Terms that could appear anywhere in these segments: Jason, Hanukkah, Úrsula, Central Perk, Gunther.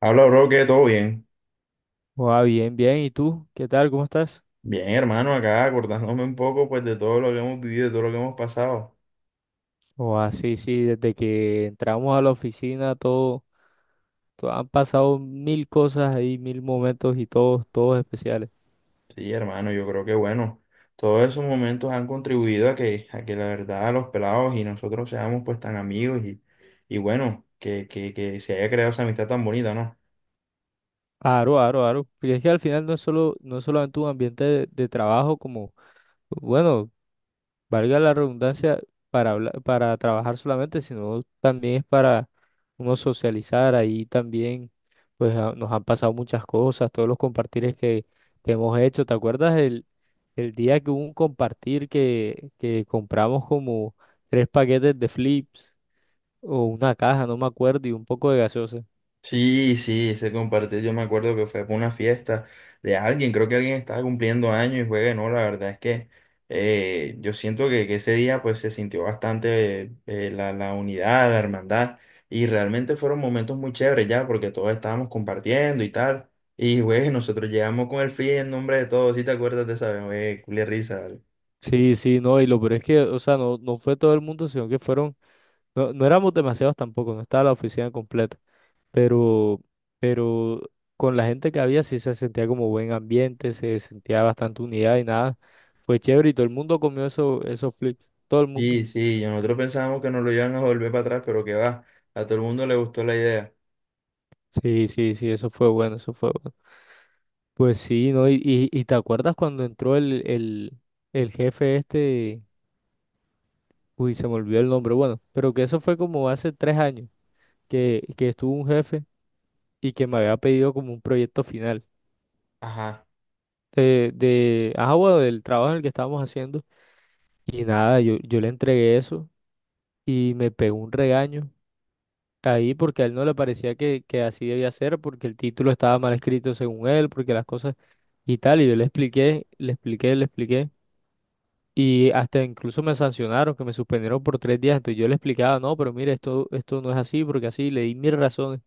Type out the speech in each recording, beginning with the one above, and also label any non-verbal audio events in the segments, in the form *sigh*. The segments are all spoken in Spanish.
Habla, bro, que todo bien. Oa, bien, bien. ¿Y tú? ¿Qué tal? ¿Cómo estás? Bien, hermano, acá acordándome un poco pues de todo lo que hemos vivido, de todo lo que hemos pasado. Oa, sí, sí. Desde que entramos a la oficina, han pasado mil cosas ahí, mil momentos y todos especiales. Sí, hermano, yo creo que bueno, todos esos momentos han contribuido a que la verdad los pelados y nosotros seamos pues tan amigos y bueno, que se haya creado esa amistad tan bonita, ¿no? Aro, aro, aro. Porque es que al final no es solamente un ambiente de trabajo como, bueno, valga la redundancia, para trabajar solamente, sino también es para uno socializar. Ahí también, pues, nos han pasado muchas cosas, todos los compartires que hemos hecho. ¿Te acuerdas el día que hubo un compartir que compramos como tres paquetes de flips o una caja, no me acuerdo, y un poco de gaseosa? Sí, sí, ese compartir. Yo me acuerdo que fue por una fiesta de alguien, creo que alguien estaba cumpliendo años y juegue, no, la verdad es que yo siento que ese día pues se sintió bastante la, la unidad, la hermandad, y realmente fueron momentos muy chéveres ya porque todos estábamos compartiendo y tal. Y güey, nosotros llegamos con el fin en nombre de todos, si te acuerdas de esa vez, güey, culia risa, ¿vale? Sí, sí, no, y lo peor es que, o sea, no, no fue todo el mundo, sino que fueron, no, no éramos demasiados tampoco, no estaba la oficina completa, pero, pero con la gente que había sí se sentía como buen ambiente, se sentía bastante unidad y nada, fue chévere y todo el mundo comió eso, esos flips, todo el mundo. Sí, sí, y nosotros pensábamos que nos lo iban a volver para atrás, pero que va, a todo el mundo le gustó la idea. Sí, sí, sí, eso fue bueno, eso fue bueno. Pues sí, ¿no? Y te acuerdas cuando entró el jefe este, uy, se me olvidó el nombre, bueno, pero que eso fue como hace 3 años que estuvo un jefe y que me había pedido como un proyecto final Ajá. de, bueno, del trabajo en el que estábamos haciendo. Y nada, yo le entregué eso y me pegó un regaño ahí porque a él no le parecía que así debía ser, porque el título estaba mal escrito según él, porque las cosas y tal. Y yo le expliqué, le expliqué, le expliqué. Y hasta incluso me sancionaron, que me suspendieron por 3 días. Entonces yo le explicaba, no, pero mire, esto no es así, porque así le di mis razones.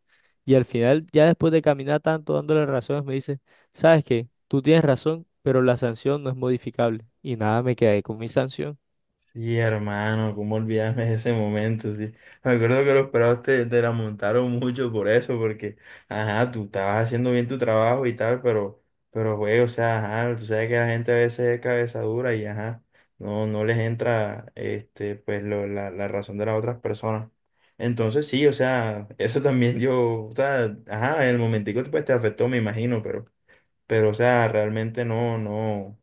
Y al final, ya después de caminar tanto dándole razones, me dice, ¿sabes qué? Tú tienes razón, pero la sanción no es modificable. Y nada, me quedé con mi sanción. Sí, hermano, cómo olvidarme de ese momento, sí. Me acuerdo que los pelados te la montaron mucho por eso, porque, ajá, tú estabas haciendo bien tu trabajo y tal, pero, güey, o sea, ajá, tú sabes que la gente a veces es cabeza dura y, ajá, no, no les entra, este, pues, la razón de las otras personas. Entonces, sí, o sea, eso también yo, o sea, ajá, en el momentico, pues, te afectó, me imagino, pero, o sea, realmente no, no,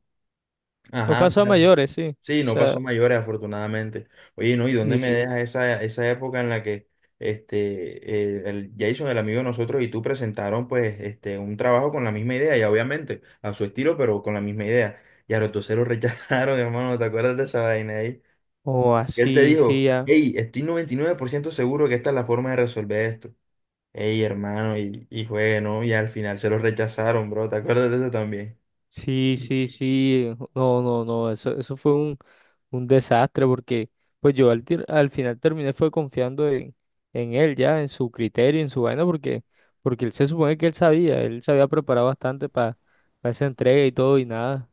No ajá, o pasó sea. a mayores, sí. O Sí, no pasó sea, a mayores, afortunadamente. Oye, no, ¿y dónde me sí. deja esa, esa época en la que este, el Jason, el amigo de nosotros, y tú presentaron pues este, un trabajo con la misma idea, y obviamente a su estilo, pero con la misma idea? Y a los dos se lo rechazaron, *laughs* hermano, ¿te acuerdas de esa vaina ahí? O Y él te así, sí, dijo, ya. hey, estoy 99% seguro que esta es la forma de resolver esto. Hey, hermano, y juegue, ¿no? Y al final se lo rechazaron, bro, ¿te acuerdas de eso también? Sí, sí, sí. No, no, no. Eso fue un desastre porque pues yo al final terminé fue confiando en él ya, en su criterio, en su vaina, porque él se supone que él sabía, él se había preparado bastante para esa entrega y todo y nada.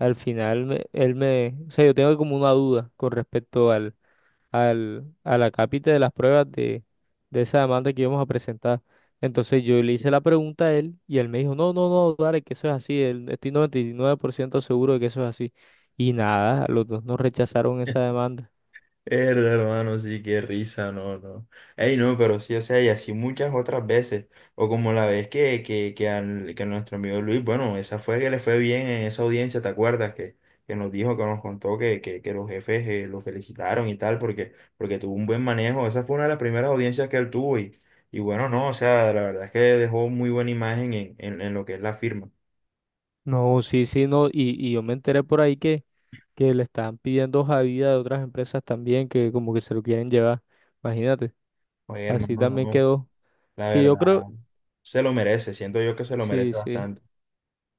Al final él me, o sea, yo tengo como una duda con respecto a la cápita de las pruebas de esa demanda que íbamos a presentar. Entonces yo le hice la pregunta a él y él me dijo, no, no, no, dale, que eso es así, estoy 99% seguro de que eso es así. Y nada, los dos nos rechazaron esa demanda. Herda, hermano, sí, qué risa, no, no. Ey, no, pero sí, o sea, y así muchas otras veces. O como la vez que nuestro amigo Luis, bueno, esa fue que le fue bien en esa audiencia, ¿te acuerdas? Que nos dijo, que nos contó que los jefes lo felicitaron y tal, porque, porque tuvo un buen manejo. Esa fue una de las primeras audiencias que él tuvo y bueno, no, o sea, la verdad es que dejó muy buena imagen en lo que es la firma. No, sí, sí, no, y yo me enteré por ahí que le están pidiendo hoja de vida de otras empresas también, que como que se lo quieren llevar, imagínate, Oye, así hermano, también no, quedó, la que yo creo, verdad, se lo merece, siento yo que se lo sí, merece sí. bastante.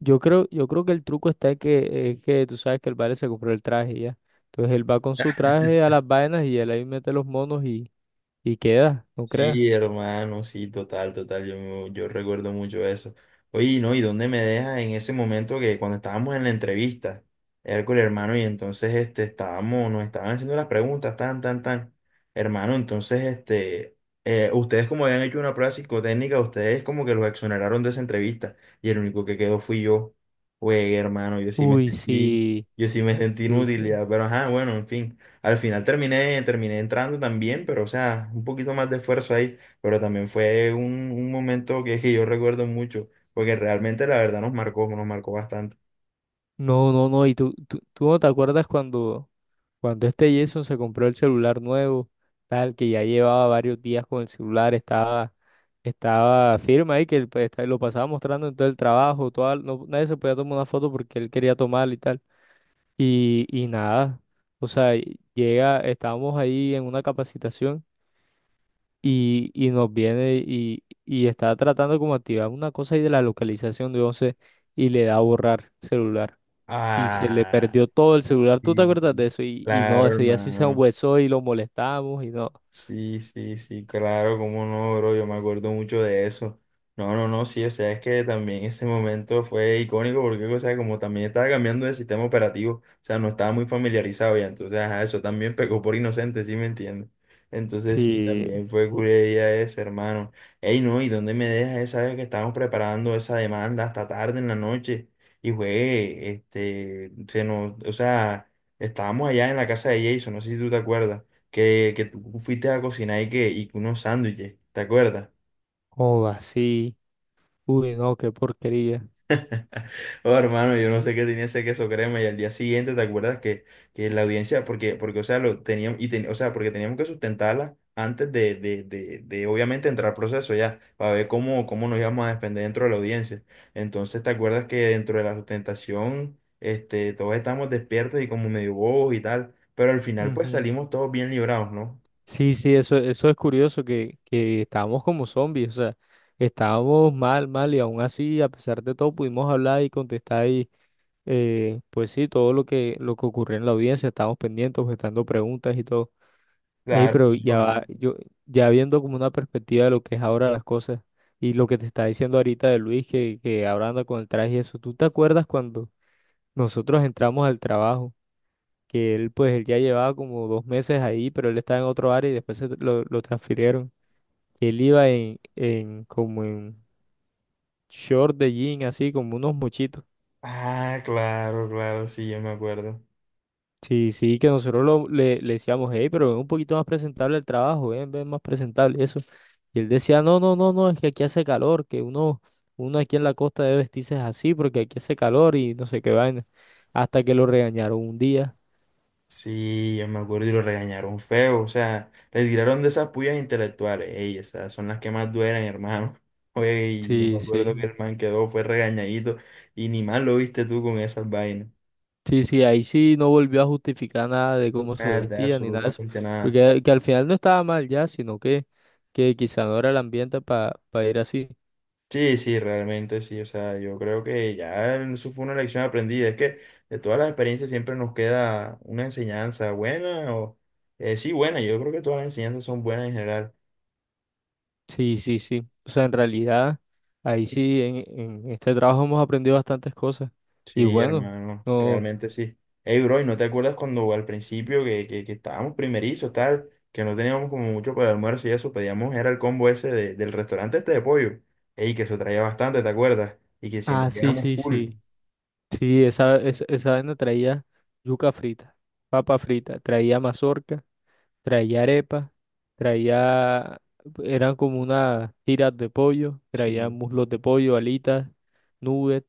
Yo creo que el truco está es que tú sabes que el vale se compró el traje y ya. Entonces él va con su traje a las vainas y él ahí mete los monos y queda, no creas. Sí, hermano, sí, total, total, yo recuerdo mucho eso. Oye, ¿no? ¿Y dónde me dejas en ese momento que cuando estábamos en la entrevista, Hércules, hermano? Y entonces, este, estábamos, nos estaban haciendo las preguntas, tan, tan, tan. Hermano, entonces, este, ustedes como habían hecho una prueba psicotécnica, ustedes como que los exoneraron de esa entrevista, y el único que quedó fui yo. Güey, hermano, Uy, sí, yo sí me sentí sí, sí. inútil, ya, pero ajá, bueno, en fin. Al final terminé entrando también, pero o sea, un poquito más de esfuerzo ahí, pero también fue un momento que, *laughs* que yo recuerdo mucho, porque realmente la verdad nos marcó bastante. No, no, no. Y tú no te acuerdas cuando este Jason se compró el celular nuevo, tal, que ya llevaba varios días con el celular, estaba firme ahí, que él, pues, lo pasaba mostrando en todo el trabajo, no, nadie se podía tomar una foto porque él quería tomarla y tal. Y nada, o sea, llega, estábamos ahí en una capacitación y nos viene y está tratando como activar una cosa ahí de la localización de 11 y le da a borrar celular y se le Ah, perdió todo el celular. ¿Tú te sí, acuerdas de eso? Y no, claro, ese día sí se hermano. hueso y lo molestamos y no. Sí, sí, sí, claro, cómo no, bro, yo me acuerdo mucho de eso. No, no, no, sí, o sea, es que también ese momento fue icónico porque, o sea, como también estaba cambiando de sistema operativo, o sea, no estaba muy familiarizado ya, entonces, ajá, eso también pecó por inocente, ¿sí me entiendes? Entonces, sí, Sí, también fue culería ese, hermano. Ey, no, ¿y dónde me dejas esa vez que estábamos preparando esa demanda hasta tarde en la noche? Y fue, este, se nos, o sea, estábamos allá en la casa de Jason, no sé si tú te acuerdas que tú fuiste a cocinar y que unos sándwiches, ¿te acuerdas? o así. Uy, no, qué porquería. *laughs* Oh, hermano, yo no sé qué tenía ese queso crema y al día siguiente, ¿te acuerdas que la audiencia, porque, porque, o sea, lo teníamos, y o sea, porque teníamos que sustentarla antes de obviamente entrar al proceso ya, para ver cómo, cómo nos íbamos a defender dentro de la audiencia. Entonces, ¿te acuerdas que dentro de la sustentación, este, todos estábamos despiertos y como medio bobos y tal, pero al final pues Ujú. salimos todos bien librados, ¿no? Sí, sí, eso es curioso, que estábamos como zombies, o sea, estábamos mal, mal, y aún así, a pesar de todo, pudimos hablar y contestar y, pues sí, todo lo que ocurrió en la audiencia, estábamos pendientes, objetando preguntas y todo. Ey, Claro, pero claro, ya va, no. Ya viendo como una perspectiva de lo que es ahora las cosas y lo que te está diciendo ahorita de Luis, que ahora anda con el traje y eso, ¿tú te acuerdas cuando nosotros entramos al trabajo? Que él pues él ya llevaba como 2 meses ahí, pero él estaba en otro área y después se lo transfirieron, que él iba en como en short de jean, así como unos mochitos. Ah, claro, claro, sí, yo me acuerdo. Sí, sí, que nosotros le decíamos, hey, pero ven un poquito más presentable el trabajo, ven, ven más presentable, eso. Y él decía, no, no, no, no, es que aquí hace calor, que uno aquí en la costa debe vestirse así porque aquí hace calor y no sé qué vaina. Hasta que lo regañaron un día. Sí, yo me acuerdo y lo regañaron feo. O sea, le tiraron de esas puyas intelectuales. Ey, esas son las que más duelen, hermano. *laughs* Oye, y yo me Sí, acuerdo que sí. el man quedó, fue regañadito. Y ni mal lo viste tú con esas vainas. Sí, sí, ahí sí no volvió a justificar nada de cómo se Nada, vestía ni nada de eso, absolutamente nada. porque que al final no estaba mal ya, sino que quizá no era el ambiente para ir así. Sí, sí, realmente sí. O sea, yo creo que ya eso fue una lección aprendida. Es que de todas las experiencias siempre nos queda una enseñanza buena o... sí, buena. Yo creo que todas las enseñanzas son buenas en general. Sí, sí, sí. O sea, en realidad, ahí sí, en este trabajo hemos aprendido bastantes cosas. Y Sí, bueno, hermano, no. realmente sí. Ey, bro, ¿y no te acuerdas cuando al principio que estábamos primerizos, tal, que no teníamos como mucho para el almuerzo y eso, pedíamos, era el combo del restaurante este de pollo? Ey, que eso traía bastante, ¿te acuerdas? Y que Ah, siempre sí, quedamos sí, full. sí. Sí, esa vaina traía yuca frita, papa frita, traía mazorca, traía arepa. Traía, Eran como unas tiras de pollo, traía Sí. muslos de pollo, alitas, nuggets,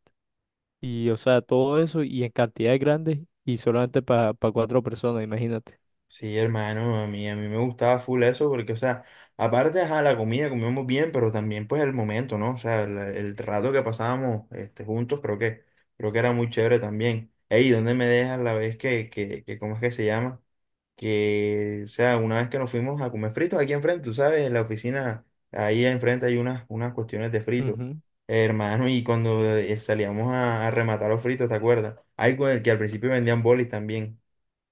y o sea, todo eso y en cantidades grandes y solamente para cuatro personas, imagínate. Sí, hermano, a mí me gustaba full eso porque, o sea, aparte, ajá, la comida comíamos bien, pero también, pues, el momento, ¿no? O sea, el rato que pasábamos este, juntos creo que era muy chévere también. Ey, ¿dónde me dejas la vez ¿cómo es que se llama? Que, o sea, una vez que nos fuimos a comer fritos aquí enfrente, tú sabes, en la oficina, ahí enfrente hay unas, unas cuestiones de fritos, Ujú. hermano, y cuando salíamos a rematar los fritos, ¿te acuerdas? Hay que al principio vendían bolis también.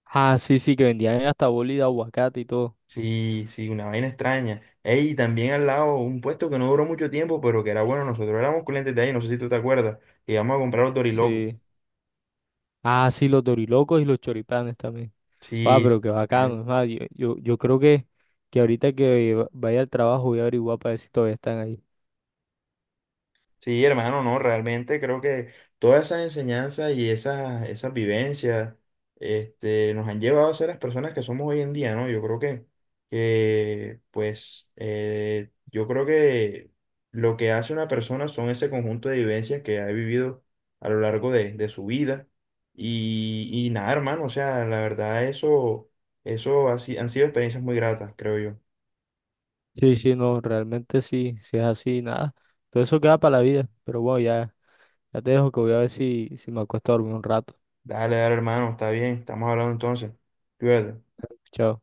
Ah, sí, sí, que vendían hasta boli de aguacate y todo. Sí, sí, una vaina extraña. Ey, y también al lado, un puesto que no duró mucho tiempo, pero que era bueno, nosotros éramos clientes de ahí, no sé si tú te acuerdas, que íbamos a comprar los dorilocos. Sí. Ah, sí, los dorilocos y los choripanes también. Ah, Sí. pero qué bacano, es más, yo creo que ahorita que vaya al trabajo voy a averiguar para ver si todavía están ahí. Sí, hermano, no, realmente creo que todas esas enseñanzas y esas, esas vivencias este, nos han llevado a ser las personas que somos hoy en día, ¿no? Yo creo que pues, yo creo que lo que hace una persona son ese conjunto de vivencias que ha vivido a lo largo de su vida. Y nada, hermano, o sea, la verdad, eso ha si- han sido experiencias muy gratas, creo yo. Sí, sí, no, realmente sí, si es así, nada. Todo eso queda para la vida, pero bueno, ya. Ya te dejo que voy a ver si me acuesto a dormir un rato. Dale, dale, hermano, está bien, estamos hablando entonces. Cuídate. Chao.